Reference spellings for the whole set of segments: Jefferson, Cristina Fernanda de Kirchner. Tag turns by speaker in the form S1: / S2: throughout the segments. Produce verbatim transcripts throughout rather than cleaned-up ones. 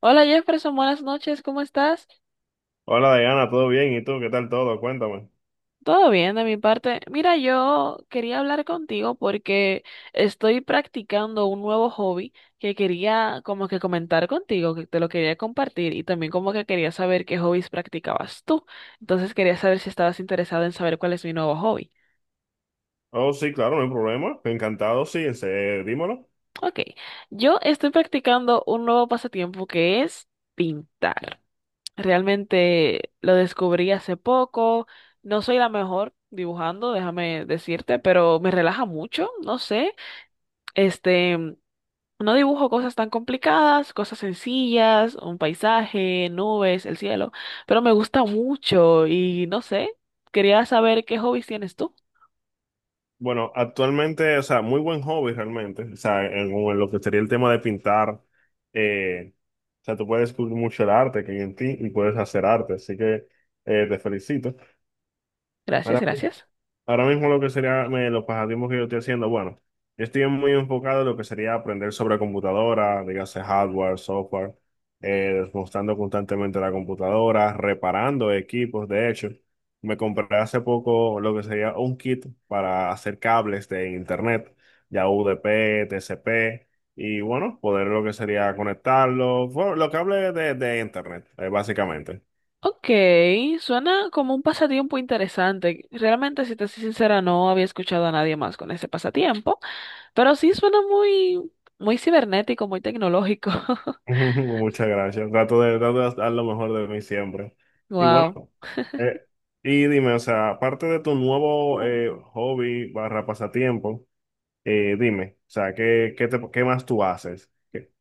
S1: Hola Jefferson, buenas noches, ¿cómo estás?
S2: Hola Diana, ¿todo bien? ¿Y tú? ¿Qué tal todo? Cuéntame.
S1: Todo bien de mi parte. Mira, yo quería hablar contigo porque estoy practicando un nuevo hobby que quería como que comentar contigo, que te lo quería compartir y también como que quería saber qué hobbies practicabas tú. Entonces quería saber si estabas interesado en saber cuál es mi nuevo hobby.
S2: Oh, sí, claro, no hay problema. Encantado, sí, ese- dímelo.
S1: Ok, yo estoy practicando un nuevo pasatiempo que es pintar. Realmente lo descubrí hace poco. No soy la mejor dibujando, déjame decirte, pero me relaja mucho, no sé. Este, no dibujo cosas tan complicadas, cosas sencillas, un paisaje, nubes, el cielo, pero me gusta mucho y no sé. Quería saber qué hobbies tienes tú.
S2: Bueno, actualmente, o sea, muy buen hobby realmente. O sea, en, en lo que sería el tema de pintar, eh, o sea, tú puedes descubrir mucho el arte que hay en ti y puedes hacer arte, así que eh, te felicito.
S1: Gracias,
S2: Ahora,
S1: gracias.
S2: Ahora mismo lo que sería me- los pasatiempos que yo estoy haciendo, bueno, yo estoy muy enfocado en lo que sería aprender sobre computadora, dígase hardware, software, eh, desmontando constantemente la computadora, reparando equipos. De hecho, me compré hace poco lo que sería un kit para hacer cables de internet, ya U D P, T C P, y bueno, poder lo que sería conectarlo, bueno, los cables de, de internet, eh, básicamente.
S1: Ok, suena como un pasatiempo interesante. Realmente, si te soy sincera, no había escuchado a nadie más con ese pasatiempo, pero sí suena muy, muy cibernético, muy tecnológico.
S2: Muchas gracias. Trato de, trato de dar lo mejor de mí siempre. Y bueno,
S1: Wow.
S2: eh, y dime, o sea, aparte de tu nuevo eh, hobby barra pasatiempo, eh, dime, o sea, ¿qué, qué, te- qué más tú haces? ¿Qué,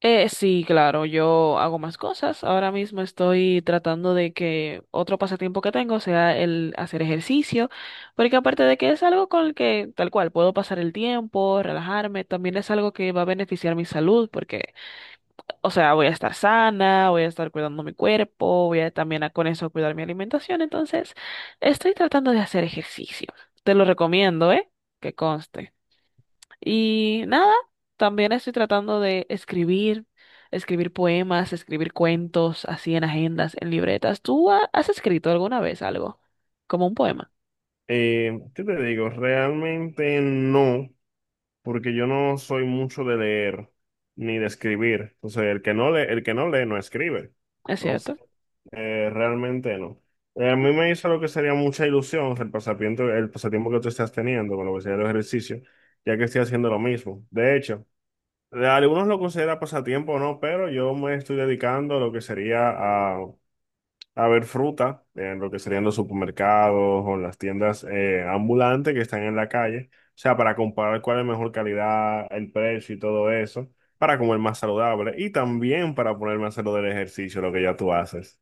S1: Eh, sí, claro, yo hago más cosas. Ahora mismo estoy tratando de que otro pasatiempo que tengo sea el hacer ejercicio, porque aparte de que es algo con el que tal cual puedo pasar el tiempo, relajarme, también es algo que va a beneficiar mi salud, porque, o sea, voy a estar sana, voy a estar cuidando mi cuerpo, voy a también a- con eso cuidar mi alimentación. Entonces, estoy tratando de hacer ejercicio. Te lo recomiendo, ¿eh? Que conste. Y nada, también estoy tratando de escribir, escribir poemas, escribir cuentos, así en agendas, en libretas. ¿Tú ha- has escrito alguna vez algo? Como un poema,
S2: eh, qué te digo? Realmente no. Porque yo no soy mucho de leer ni de escribir. Entonces, el que no lee, el que no lee no escribe.
S1: ¿es
S2: Entonces,
S1: cierto?
S2: eh, realmente no. Eh, a mí me hizo lo que sería mucha ilusión el pasatiempo, el pasatiempo que tú estás teniendo con lo que sería el ejercicio, ya que estoy haciendo lo mismo. De hecho, algunos lo consideran pasatiempo o no, pero yo me estoy dedicando a lo que sería a a ver fruta en lo que serían los supermercados o las tiendas eh, ambulantes que están en la calle. O sea, para comparar cuál es mejor calidad, el precio y todo eso, para comer más saludable y también para ponerme a hacer lo del ejercicio, lo que ya tú haces.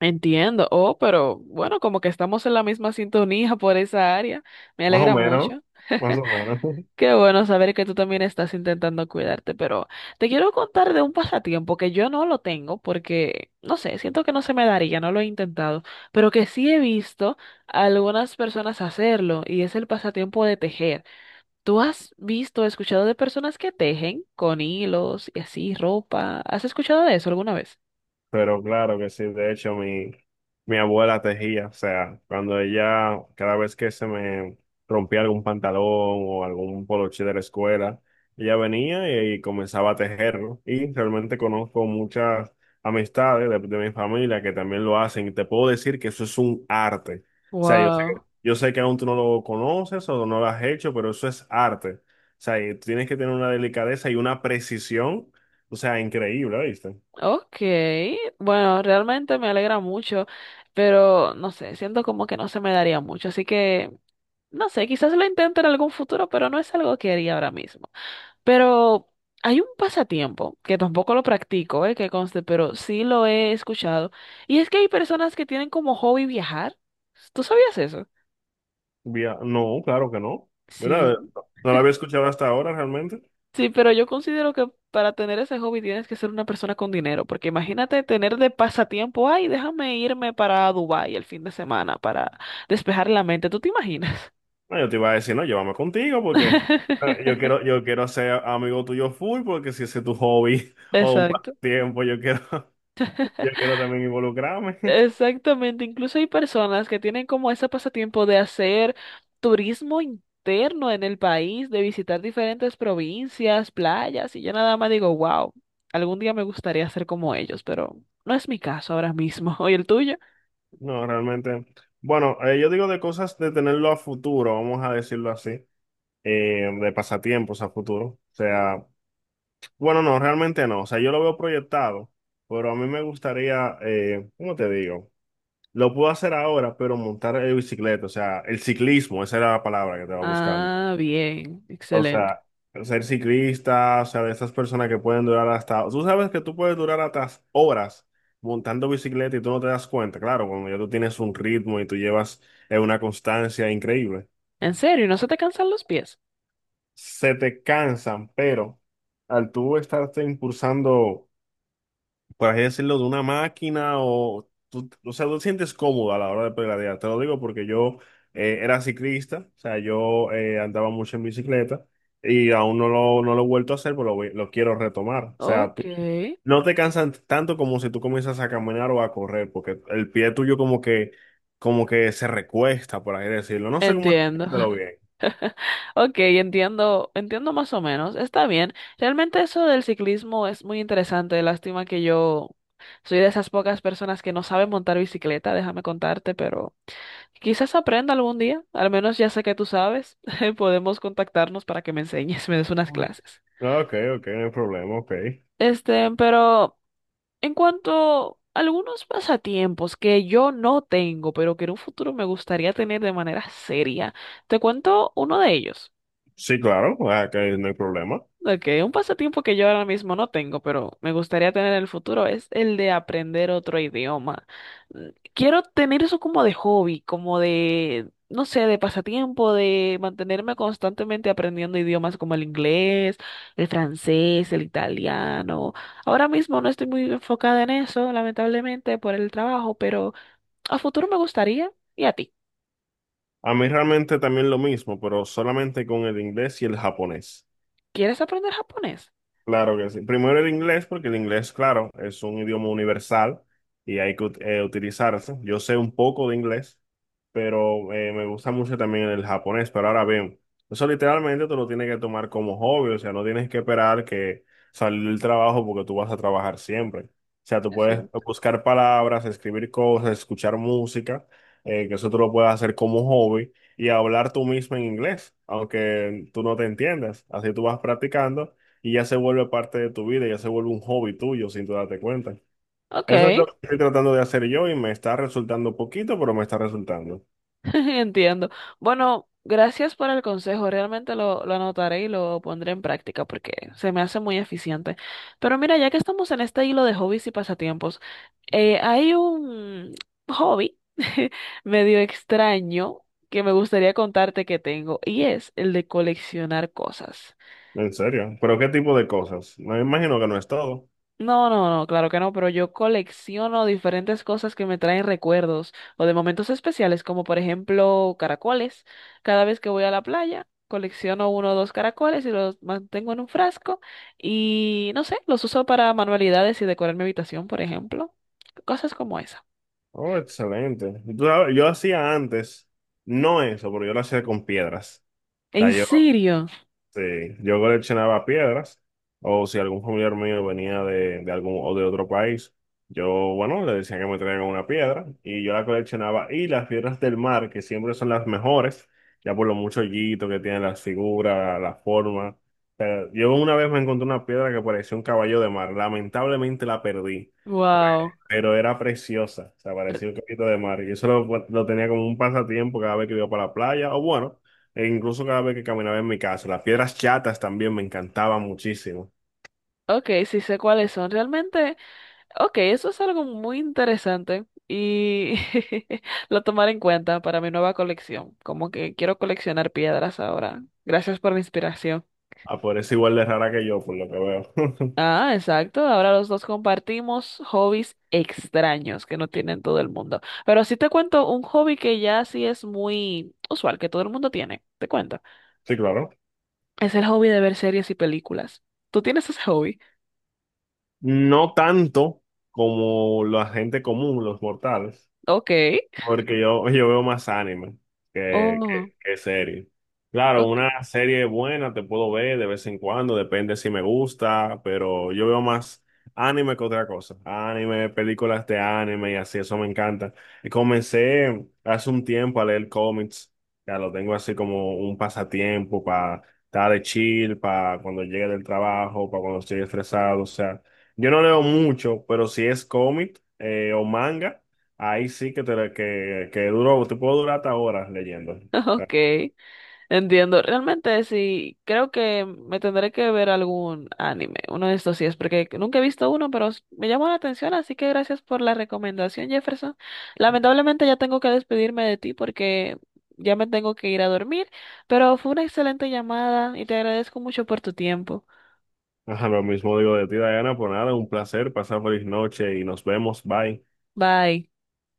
S1: Entiendo. Oh, pero bueno, como que estamos en la misma sintonía por esa área. Me
S2: Más o
S1: alegra
S2: menos,
S1: mucho.
S2: más o menos.
S1: Qué bueno saber que tú también estás intentando cuidarte, pero te quiero contar de un pasatiempo que yo no lo tengo porque, no sé, siento que no se me daría, no lo he intentado, pero que sí he visto a algunas personas hacerlo y es el pasatiempo de tejer. ¿Tú has visto, escuchado de personas que tejen con hilos y así ropa? ¿Has escuchado de eso alguna vez?
S2: Pero claro que sí, de hecho mi, mi abuela tejía, o sea, cuando ella, cada vez que se me rompía algún pantalón o algún poloche de la escuela, ella venía y, y comenzaba a tejerlo. Y realmente conozco muchas amistades de, de mi familia que también lo hacen y te puedo decir que eso es un arte. O sea, yo sé que,
S1: Wow,
S2: yo sé que aún tú no lo conoces o no lo has hecho, pero eso es arte. O sea, y tienes que tener una delicadeza y una precisión, o sea, increíble, ¿viste?
S1: okay. Bueno, realmente me alegra mucho, pero no sé, siento como que no se me daría mucho, así que no sé, quizás lo intente en algún futuro, pero no es algo que haría ahora mismo. Pero hay un pasatiempo que tampoco lo practico, eh, que conste, pero sí lo he escuchado. Y es que hay personas que tienen como hobby viajar. ¿Tú sabías eso?
S2: Vía- No, claro que no. Mira, eh,
S1: Sí.
S2: no la había escuchado hasta ahora realmente.
S1: Sí, pero yo considero que para tener ese hobby tienes que ser una persona con dinero, porque imagínate tener de pasatiempo, ay, déjame irme para Dubái el fin de semana para despejar la mente. ¿Tú te imaginas?
S2: No, yo te iba a decir, no, llévame contigo porque eh, yo quiero, yo quiero ser amigo tuyo full porque si ese es tu hobby o un
S1: Exacto.
S2: pasatiempo, yo quiero, yo quiero también involucrarme.
S1: Exactamente, incluso hay personas que tienen como ese pasatiempo de hacer turismo interno en el país, de visitar diferentes provincias, playas, y yo nada más digo, wow, algún día me gustaría ser como ellos, pero no es mi caso ahora mismo. ¿Y el tuyo?
S2: No, realmente. Bueno, eh, yo digo de cosas de tenerlo a futuro, vamos a decirlo así, eh, de pasatiempos a futuro. O sea, bueno, no, realmente no. O sea, yo lo veo proyectado, pero a mí me gustaría, eh, ¿cómo te digo? Lo puedo hacer ahora, pero montar en bicicleta, o sea, el ciclismo, esa era la palabra que estaba buscando.
S1: Ah, bien,
S2: O
S1: excelente.
S2: sea, ser ciclista, o sea, de esas personas que pueden durar hasta, tú sabes que tú puedes durar hasta horas montando bicicleta y tú no te das cuenta, claro, cuando ya tú tienes un ritmo y tú llevas eh, una constancia increíble,
S1: ¿En serio? ¿No se te cansan los pies?
S2: se te cansan, pero al tú estarte impulsando por así decirlo, de una máquina o, tú, o sea, tú te sientes cómodo a la hora de pedalear. Te lo digo porque yo eh, era ciclista, o sea, yo eh, andaba mucho en bicicleta y aún no lo, no lo he vuelto a hacer, pero lo, voy- lo quiero retomar. O sea,
S1: Ok,
S2: tú no te cansan tanto como si tú comienzas a caminar o a correr, porque el pie tuyo como que, como que se recuesta, por así decirlo. No sé cómo
S1: entiendo.
S2: explicártelo bien.
S1: Ok, entiendo, entiendo más o menos. Está bien. Realmente eso del ciclismo es muy interesante. Lástima que yo soy de esas pocas personas que no saben montar bicicleta, déjame contarte, pero quizás aprenda algún día. Al menos ya sé que tú sabes. Podemos contactarnos para que me enseñes, me des unas
S2: Mm.
S1: clases.
S2: Ok, ok, no hay problema, ok.
S1: Este, pero en cuanto a algunos pasatiempos que yo no tengo, pero que en un futuro me gustaría tener de manera seria, te cuento uno de ellos.
S2: Sí, claro, ah, que no hay problema.
S1: Ok, un pasatiempo que yo ahora mismo no tengo, pero me gustaría tener en el futuro es el de aprender otro idioma. Mm, quiero tener eso como de hobby, como de, no sé, de pasatiempo, de mantenerme constantemente aprendiendo idiomas como el inglés, el francés, el italiano. Ahora mismo no estoy muy enfocada en eso, lamentablemente, por el trabajo, pero a futuro me gustaría. ¿Y a ti?
S2: A mí realmente también lo mismo, pero solamente con el inglés y el japonés.
S1: ¿Quieres aprender japonés?
S2: Claro que sí. Primero el inglés, porque el inglés, claro, es un idioma universal y hay que ut- eh, utilizarse. Yo sé un poco de inglés, pero eh, me gusta mucho también el japonés. Pero ahora bien, eso literalmente tú lo tienes que tomar como hobby, o sea, no tienes que esperar que salir del trabajo porque tú vas a trabajar siempre. O sea, tú
S1: Es
S2: puedes
S1: cierto.
S2: buscar palabras, escribir cosas, escuchar música, eh, que eso tú lo puedes hacer como hobby y hablar tú mismo en inglés, aunque tú no te entiendas. Así tú vas practicando y ya se vuelve parte de tu vida, ya se vuelve un hobby tuyo sin tú darte cuenta. Eso es
S1: Ok.
S2: lo que estoy tratando de hacer yo y me está resultando poquito, pero me está resultando.
S1: Entiendo. Bueno, gracias por el consejo. Realmente lo, lo anotaré y lo pondré en práctica porque se me hace muy eficiente. Pero mira, ya que estamos en este hilo de hobbies y pasatiempos, eh, hay un hobby medio extraño que me gustaría contarte que tengo y es el de coleccionar cosas.
S2: En serio. ¿Pero qué tipo de cosas? Me imagino que no es todo.
S1: No, no, no, claro que no, pero yo colecciono diferentes cosas que me traen recuerdos o de momentos especiales, como por ejemplo caracoles. Cada vez que voy a la playa, colecciono uno o dos caracoles y los mantengo en un frasco y no sé, los uso para manualidades y decorar mi habitación, por ejemplo. Cosas como esa.
S2: Oh, excelente. Y tú sabes, yo hacía antes, no eso, pero yo lo hacía con piedras. O sea,
S1: ¿En
S2: yo
S1: serio?
S2: Sí, yo coleccionaba piedras, o si algún familiar mío venía de, de algún o de otro país, yo, bueno, le decía que me traigan una piedra y yo la coleccionaba. Y las piedras del mar, que siempre son las mejores, ya por lo mucho hoyito que tienen las figuras, la forma. O sea, yo una vez me encontré una piedra que parecía un caballo de mar, lamentablemente la perdí,
S1: Wow.
S2: pero era preciosa, o sea, parecía un copito de mar. Y eso lo, lo tenía como un pasatiempo cada vez que iba para la playa, o bueno, e incluso cada vez que caminaba en mi casa. Las piedras chatas también me encantaban muchísimo.
S1: Ok, sí sé cuáles son. Realmente. Ok, eso es algo muy interesante y lo tomaré en cuenta para mi nueva colección. Como que quiero coleccionar piedras ahora. Gracias por la inspiración.
S2: Ah, por eso igual de rara que yo, por lo que veo.
S1: Ah, exacto. Ahora los dos compartimos hobbies extraños que no tienen todo el mundo. Pero sí te cuento un hobby que ya sí es muy usual, que todo el mundo tiene. Te cuento.
S2: Sí, claro.
S1: Es el hobby de ver series y películas. ¿Tú tienes ese hobby?
S2: No tanto como la gente común, los mortales.
S1: Ok.
S2: Porque yo, yo veo más anime que,
S1: Oh,
S2: que, que serie. Claro,
S1: ok.
S2: una serie buena te puedo ver de vez en cuando, depende si me gusta, pero yo veo más anime que otra cosa. Anime, películas de anime y así, eso me encanta. Y comencé hace un tiempo a leer cómics, ya lo tengo así como un pasatiempo para estar de chill, para cuando llegue del trabajo, para cuando estoy estresado. O sea, yo no leo mucho, pero si es cómic eh, o manga. Ahí sí que, te, que, que duro, te puedo durar hasta horas leyendo.
S1: Ok. Entiendo, realmente sí, creo que me tendré que ver algún anime, uno de estos sí es, porque nunca he visto uno, pero s- me llamó la atención, así que gracias por la recomendación, Jefferson. Lamentablemente ya tengo que despedirme de ti porque ya me tengo que ir a dormir, pero fue una excelente llamada y te agradezco mucho por tu tiempo.
S2: Ajá, lo mismo digo de ti, Diana, por nada, un placer, pasar feliz noche y nos vemos, bye.
S1: Bye.